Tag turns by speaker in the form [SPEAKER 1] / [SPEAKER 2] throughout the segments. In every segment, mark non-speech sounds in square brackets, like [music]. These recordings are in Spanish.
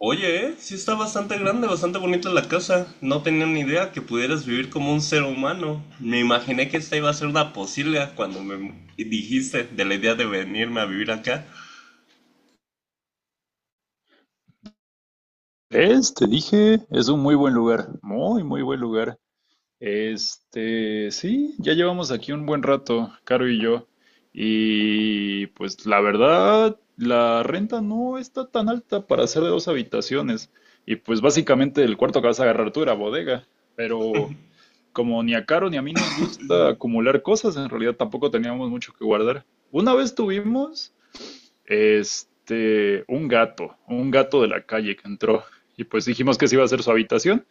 [SPEAKER 1] Oye, sí está bastante grande, bastante bonita la casa. No tenía ni idea que pudieras vivir como un ser humano. Me imaginé que esta iba a ser una posibilidad cuando me dijiste de la idea de venirme a vivir acá.
[SPEAKER 2] ¿Ves? Te dije, es un muy buen lugar, muy, muy buen lugar. Sí, ya llevamos aquí un buen rato, Caro y yo. Y pues la verdad, la renta no está tan alta para ser de dos habitaciones. Y pues básicamente el cuarto que vas a agarrar tú era bodega. Pero como ni a Caro ni a mí nos gusta acumular cosas, en realidad tampoco teníamos mucho que guardar. Una vez tuvimos, un gato de la calle que entró. Y pues dijimos que sí iba a ser su habitación,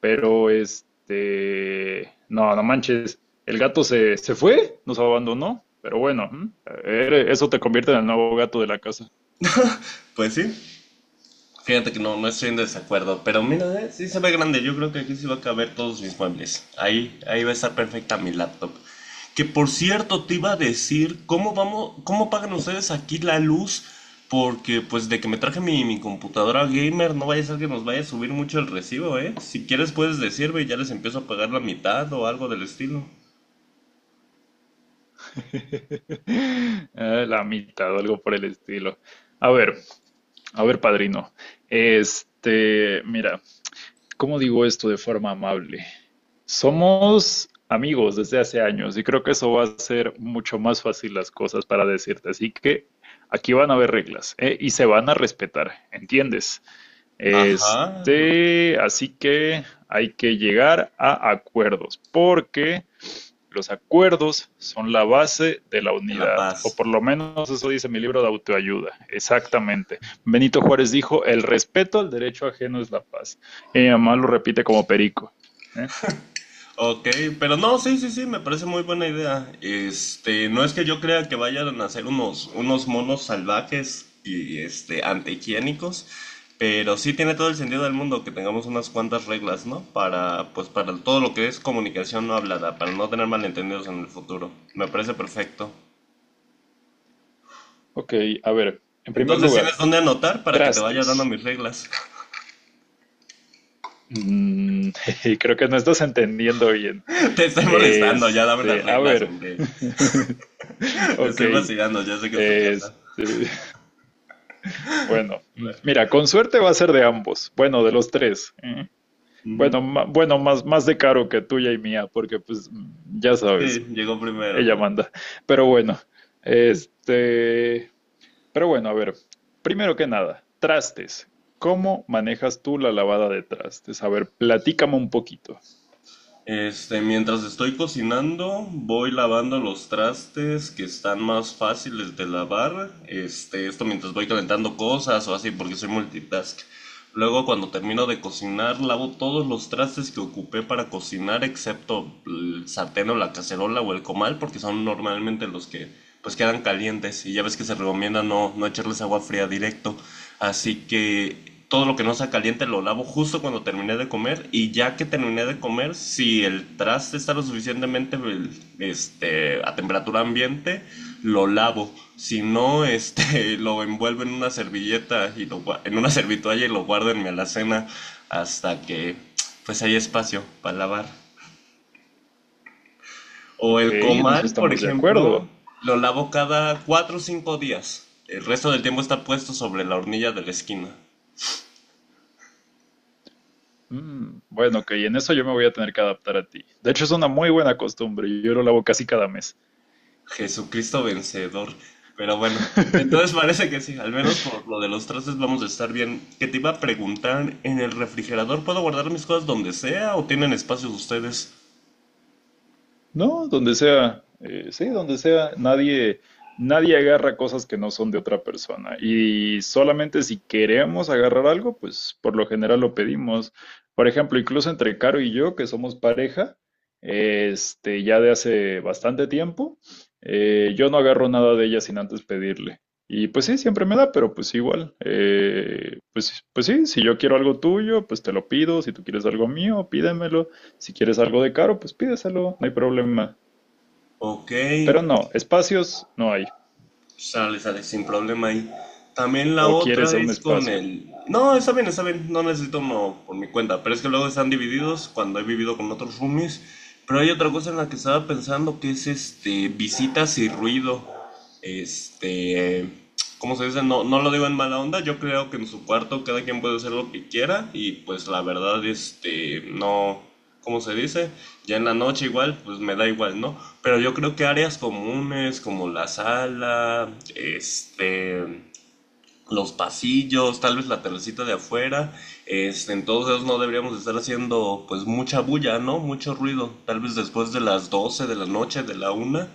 [SPEAKER 2] pero no, no manches, el gato se fue, nos abandonó. Pero bueno, ¿eh? Eso te convierte en el nuevo gato de la casa.
[SPEAKER 1] Pues sí. Fíjate que no, no estoy en desacuerdo, pero mira, sí se ve grande. Yo creo que aquí sí va a caber todos mis muebles. Ahí va a estar perfecta mi laptop. Que por cierto, te iba a decir, ¿cómo vamos, cómo pagan ustedes aquí la luz? Porque pues de que me traje mi computadora gamer, no vaya a ser que nos vaya a subir mucho el recibo, ¿eh? Si quieres puedes decirme y ya les empiezo a pagar la mitad o algo del estilo.
[SPEAKER 2] [laughs] La mitad o algo por el estilo. A ver, a ver, padrino. Mira, ¿cómo digo esto de forma amable? Somos amigos desde hace años y creo que eso va a hacer mucho más fácil las cosas para decirte. Así que aquí van a haber reglas, ¿eh?, y se van a respetar, ¿entiendes?
[SPEAKER 1] Ajá, pues,
[SPEAKER 2] Así que hay que llegar a acuerdos porque los acuerdos son la base de la
[SPEAKER 1] en La
[SPEAKER 2] unidad, o
[SPEAKER 1] Paz.
[SPEAKER 2] por lo menos eso dice mi libro de autoayuda, exactamente. Benito Juárez dijo, el respeto al derecho ajeno es la paz. Y mi mamá lo repite como perico. ¿Eh?
[SPEAKER 1] Ok, pero no, sí, sí, sí, me parece muy buena idea. Este, no es que yo crea que vayan a ser unos monos salvajes y este, antihigiénicos, pero sí tiene todo el sentido del mundo que tengamos unas cuantas reglas, ¿no? Para, pues, para todo lo que es comunicación no hablada, para no tener malentendidos en el futuro. Me parece perfecto.
[SPEAKER 2] Ok, a ver, en primer
[SPEAKER 1] Entonces, ¿tienes
[SPEAKER 2] lugar,
[SPEAKER 1] dónde anotar para que te vaya dando
[SPEAKER 2] trastes.
[SPEAKER 1] mis reglas?
[SPEAKER 2] Mm, [laughs] creo que no estás entendiendo bien.
[SPEAKER 1] [laughs] Te estoy molestando, ya dame las
[SPEAKER 2] A
[SPEAKER 1] reglas,
[SPEAKER 2] ver,
[SPEAKER 1] hombre.
[SPEAKER 2] [laughs]
[SPEAKER 1] [laughs] Te
[SPEAKER 2] ok,
[SPEAKER 1] estoy vacilando, ya sé que es tu casa.
[SPEAKER 2] este, bueno, mira, con suerte va a ser de ambos, bueno, de los tres. ¿Eh?
[SPEAKER 1] Ujú.
[SPEAKER 2] Bueno, bueno, más, más de Caro que tuya y mía, porque pues ya
[SPEAKER 1] Sí,
[SPEAKER 2] sabes,
[SPEAKER 1] llegó primero.
[SPEAKER 2] ella manda. Pero bueno, este, pero bueno, a ver, primero que nada, trastes. ¿Cómo manejas tú la lavada de trastes? A ver, platícame un poquito.
[SPEAKER 1] Este, mientras estoy cocinando, voy lavando los trastes que están más fáciles de lavar. Este, esto mientras voy calentando cosas o así, porque soy multitask. Luego, cuando termino de cocinar, lavo todos los trastes que ocupé para cocinar, excepto el sartén o la cacerola o el comal, porque son normalmente los que pues quedan calientes. Y ya ves que se recomienda no, no echarles agua fría directo. Así que todo lo que no sea caliente lo lavo justo cuando terminé de comer y ya que terminé de comer, si el traste está lo suficientemente este, a temperatura ambiente, lo lavo. Si no, este, [laughs] lo envuelvo en una servilleta y lo, en una servitoalla y lo guardo en mi alacena hasta que pues hay espacio para lavar. O
[SPEAKER 2] Ok,
[SPEAKER 1] el
[SPEAKER 2] en eso
[SPEAKER 1] comal, por
[SPEAKER 2] estamos de
[SPEAKER 1] ejemplo,
[SPEAKER 2] acuerdo.
[SPEAKER 1] lo lavo cada 4 o 5 días. El resto del tiempo está puesto sobre la hornilla de la esquina.
[SPEAKER 2] Bueno, ok, en eso yo me voy a tener que adaptar a ti. De hecho, es una muy buena costumbre. Yo lo lavo casi cada mes.
[SPEAKER 1] Jesucristo vencedor. Pero bueno, entonces
[SPEAKER 2] [laughs]
[SPEAKER 1] parece que sí, al menos por lo de los trastes vamos a estar bien. Que te iba a preguntar, ¿en el refrigerador puedo guardar mis cosas donde sea o tienen espacios ustedes?
[SPEAKER 2] No, donde sea, sí, donde sea, nadie agarra cosas que no son de otra persona. Y solamente si queremos agarrar algo, pues por lo general lo pedimos. Por ejemplo, incluso entre Caro y yo, que somos pareja, ya de hace bastante tiempo, yo no agarro nada de ella sin antes pedirle. Y pues sí, siempre me da, pero pues igual, pues, pues sí, si yo quiero algo tuyo, pues te lo pido, si tú quieres algo mío, pídemelo. Si quieres algo de caro, pues pídeselo, no hay problema.
[SPEAKER 1] Ok,
[SPEAKER 2] Pero no, espacios no hay.
[SPEAKER 1] sale, sale, sin problema ahí. También la
[SPEAKER 2] O quieres
[SPEAKER 1] otra
[SPEAKER 2] un
[SPEAKER 1] es con
[SPEAKER 2] espacio.
[SPEAKER 1] el. No, está bien, no necesito uno por mi cuenta, pero es que luego están divididos cuando he vivido con otros roomies. Pero hay otra cosa en la que estaba pensando que es este, visitas y ruido. Este, ¿cómo se dice? No, no lo digo en mala onda, yo creo que en su cuarto cada quien puede hacer lo que quiera y pues la verdad, este, no, ¿cómo se dice? Ya en la noche igual, pues me da igual, ¿no? Pero yo creo que áreas comunes como la sala, este, los pasillos, tal vez la terracita de afuera. Este, entonces no deberíamos estar haciendo pues mucha bulla, ¿no? Mucho ruido, tal vez después de las 12 de la noche, de la una,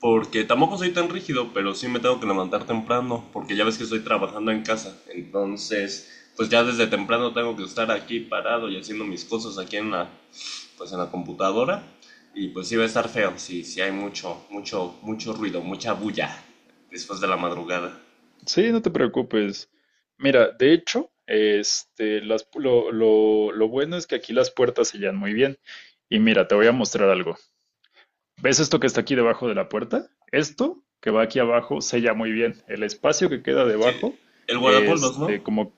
[SPEAKER 1] porque tampoco soy tan rígido, pero sí me tengo que levantar temprano, porque ya ves que estoy trabajando en casa. Entonces, pues ya desde temprano tengo que estar aquí parado y haciendo mis cosas aquí en la pues en la computadora y pues sí va a estar feo si hay mucho ruido, mucha bulla después de la madrugada.
[SPEAKER 2] Sí, no te preocupes. Mira, de hecho, lo bueno es que aquí las puertas sellan muy bien. Y mira, te voy a mostrar algo. ¿Ves esto que está aquí debajo de la puerta? Esto que va aquí abajo sella muy bien. El espacio que queda
[SPEAKER 1] Sí,
[SPEAKER 2] debajo,
[SPEAKER 1] el guardapolvos, ¿no?
[SPEAKER 2] este, como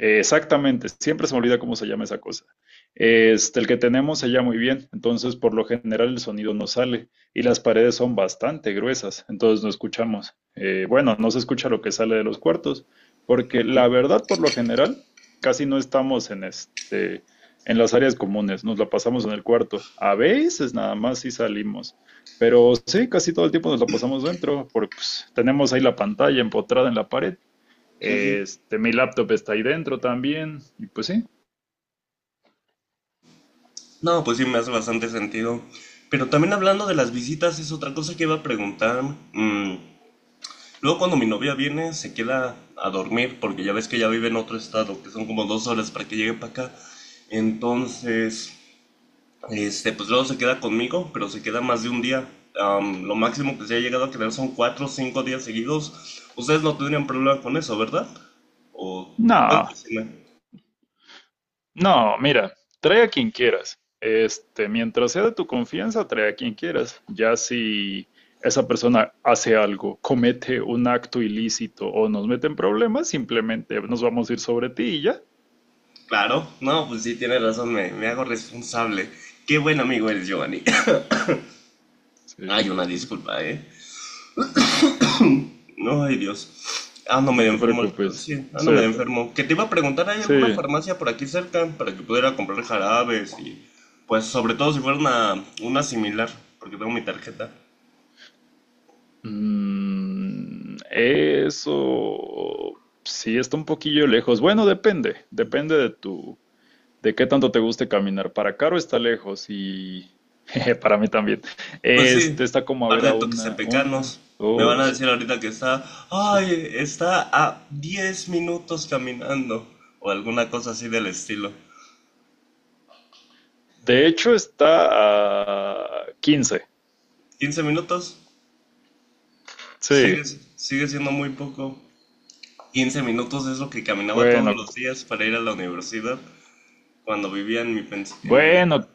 [SPEAKER 2] eh, exactamente, siempre se me olvida cómo se llama esa cosa. El que tenemos se llama muy bien, entonces por lo general el sonido no sale y las paredes son bastante gruesas, entonces no escuchamos. Bueno, no se escucha lo que sale de los cuartos, porque la verdad por lo general casi no estamos en en las áreas comunes, nos la pasamos en el cuarto. A veces nada más sí salimos, pero sí, casi todo el tiempo nos la pasamos dentro, porque pues, tenemos ahí la pantalla empotrada en la pared, mi laptop está ahí dentro también. Y pues sí.
[SPEAKER 1] No, pues sí, me hace bastante sentido. Pero también hablando de las visitas, es otra cosa que iba a preguntar. Mm, luego cuando mi novia viene, se queda a dormir, porque ya ves que ya vive en otro estado, que son como 2 horas para que llegue para acá. Entonces, este, pues luego se queda conmigo, pero se queda más de un día. Am, lo máximo que se ha llegado a quedar son 4 o 5 días seguidos. Ustedes no tendrían problema con eso, ¿verdad? O, ¿puedes
[SPEAKER 2] No,
[SPEAKER 1] decirme?
[SPEAKER 2] no, mira, trae a quien quieras. Mientras sea de tu confianza, trae a quien quieras. Ya si esa persona hace algo, comete un acto ilícito o nos mete en problemas, simplemente nos vamos a ir sobre ti y ya.
[SPEAKER 1] Claro, no, pues sí, tienes razón, me hago responsable. Qué buen amigo eres, Giovanni. [laughs] [clears throat] Ay,
[SPEAKER 2] Sí,
[SPEAKER 1] una
[SPEAKER 2] mm,
[SPEAKER 1] disculpa, ¿eh? No, ay, Dios. Ando
[SPEAKER 2] no
[SPEAKER 1] medio
[SPEAKER 2] te
[SPEAKER 1] enfermo, el-
[SPEAKER 2] preocupes.
[SPEAKER 1] sí, ando
[SPEAKER 2] Sí,
[SPEAKER 1] medio enfermo. Que te iba a preguntar, ¿hay
[SPEAKER 2] sí.
[SPEAKER 1] alguna farmacia por aquí cerca para que pudiera comprar jarabes y, pues, sobre todo si fuera una similar, porque tengo mi tarjeta.
[SPEAKER 2] Eso sí está un poquillo lejos. Bueno, depende, depende de tu, de qué tanto te guste caminar. Para Caro está lejos y [laughs] jeje, para mí también.
[SPEAKER 1] Pues sí,
[SPEAKER 2] Este está como a
[SPEAKER 1] par
[SPEAKER 2] ver
[SPEAKER 1] de
[SPEAKER 2] a
[SPEAKER 1] toques
[SPEAKER 2] una,
[SPEAKER 1] pecanos. Me van a
[SPEAKER 2] dos.
[SPEAKER 1] decir ahorita que está,
[SPEAKER 2] Sí.
[SPEAKER 1] ay, está a 10 minutos caminando o alguna cosa así del estilo.
[SPEAKER 2] De hecho, está a 15.
[SPEAKER 1] ¿15 minutos?
[SPEAKER 2] Sí,
[SPEAKER 1] Sigue, sigue siendo muy poco. 15 minutos es lo que caminaba todos
[SPEAKER 2] bueno,
[SPEAKER 1] los días para ir a la universidad cuando vivía en mi, en mi depa.
[SPEAKER 2] bueno,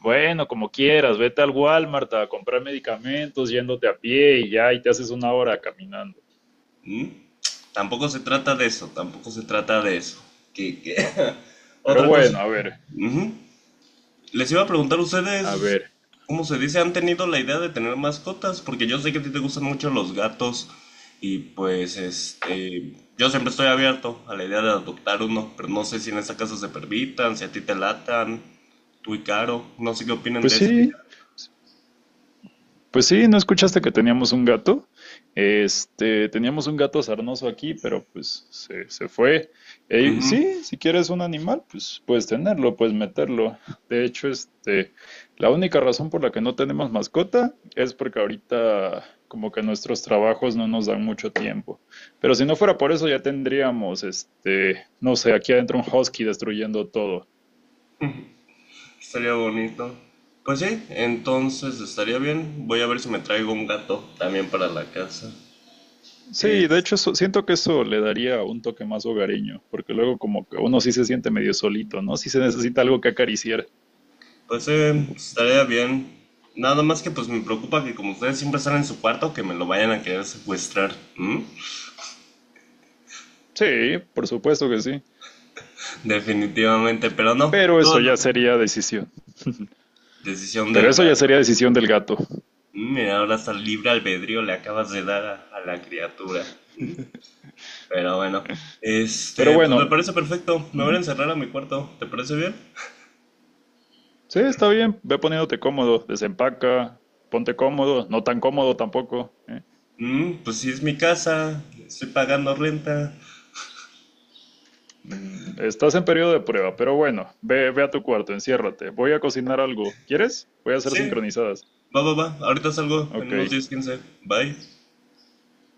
[SPEAKER 2] bueno, como quieras. Vete al Walmart a comprar medicamentos yéndote a pie y ya, y te haces una hora caminando.
[SPEAKER 1] ¿Mm? Tampoco se trata de eso, tampoco se trata de eso. Qué qué [laughs]
[SPEAKER 2] Pero
[SPEAKER 1] Otra cosa.
[SPEAKER 2] bueno, a ver,
[SPEAKER 1] Ujú. Les iba a preguntar
[SPEAKER 2] a
[SPEAKER 1] ustedes,
[SPEAKER 2] ver.
[SPEAKER 1] ¿cómo se dice? ¿Han tenido la idea de tener mascotas? Porque yo sé que a ti te gustan mucho los gatos y pues este, yo siempre estoy abierto a la idea de adoptar uno, pero no sé si en esta casa se permitan, si a ti te latan, tú y Caro, no sé qué opinen
[SPEAKER 2] Pues
[SPEAKER 1] de esa
[SPEAKER 2] sí,
[SPEAKER 1] idea.
[SPEAKER 2] pues sí, ¿no escuchaste que teníamos un gato? Teníamos un gato sarnoso aquí, pero pues se fue.
[SPEAKER 1] Ujú.
[SPEAKER 2] Sí, si quieres un animal, pues puedes tenerlo, puedes meterlo. De hecho, la única razón por la que no tenemos mascota es porque ahorita como que nuestros trabajos no nos dan mucho tiempo. Pero si no fuera por eso, ya tendríamos, no sé, aquí adentro un husky destruyendo todo.
[SPEAKER 1] Estaría bonito. Pues sí, entonces estaría bien. Voy a ver si me traigo un gato también para la casa.
[SPEAKER 2] Sí, de
[SPEAKER 1] Este,
[SPEAKER 2] hecho eso- siento que eso le daría un toque más hogareño, porque luego como que uno sí se siente medio solito, ¿no? Sí se necesita algo que acariciar.
[SPEAKER 1] pues estaría bien. Nada más que pues me preocupa que como ustedes siempre están en su cuarto, que me lo vayan a querer secuestrar. ¿Mm?
[SPEAKER 2] Sí, por supuesto que sí.
[SPEAKER 1] Definitivamente, pero no.
[SPEAKER 2] Pero
[SPEAKER 1] Todo
[SPEAKER 2] eso
[SPEAKER 1] lo-
[SPEAKER 2] ya sería decisión.
[SPEAKER 1] decisión
[SPEAKER 2] Pero
[SPEAKER 1] del
[SPEAKER 2] eso ya
[SPEAKER 1] gato.
[SPEAKER 2] sería decisión del gato.
[SPEAKER 1] Mm, mira, ahora hasta libre albedrío le acabas de dar a la criatura. Pero bueno.
[SPEAKER 2] Pero
[SPEAKER 1] Este, pues me
[SPEAKER 2] bueno,
[SPEAKER 1] parece perfecto. Me voy
[SPEAKER 2] ¿mm?
[SPEAKER 1] a encerrar a mi cuarto. ¿Te parece bien?
[SPEAKER 2] Sí, está bien. Ve poniéndote cómodo, desempaca, ponte cómodo, no tan cómodo tampoco, ¿eh?
[SPEAKER 1] Mm, pues sí, es mi casa. Estoy pagando renta.
[SPEAKER 2] Estás en periodo de prueba, pero bueno, ve, ve a tu cuarto, enciérrate. Voy a cocinar algo. ¿Quieres? Voy a hacer
[SPEAKER 1] Sí.
[SPEAKER 2] sincronizadas.
[SPEAKER 1] Va, va, va. Ahorita salgo en
[SPEAKER 2] Ok.
[SPEAKER 1] unos 10 15. Bye.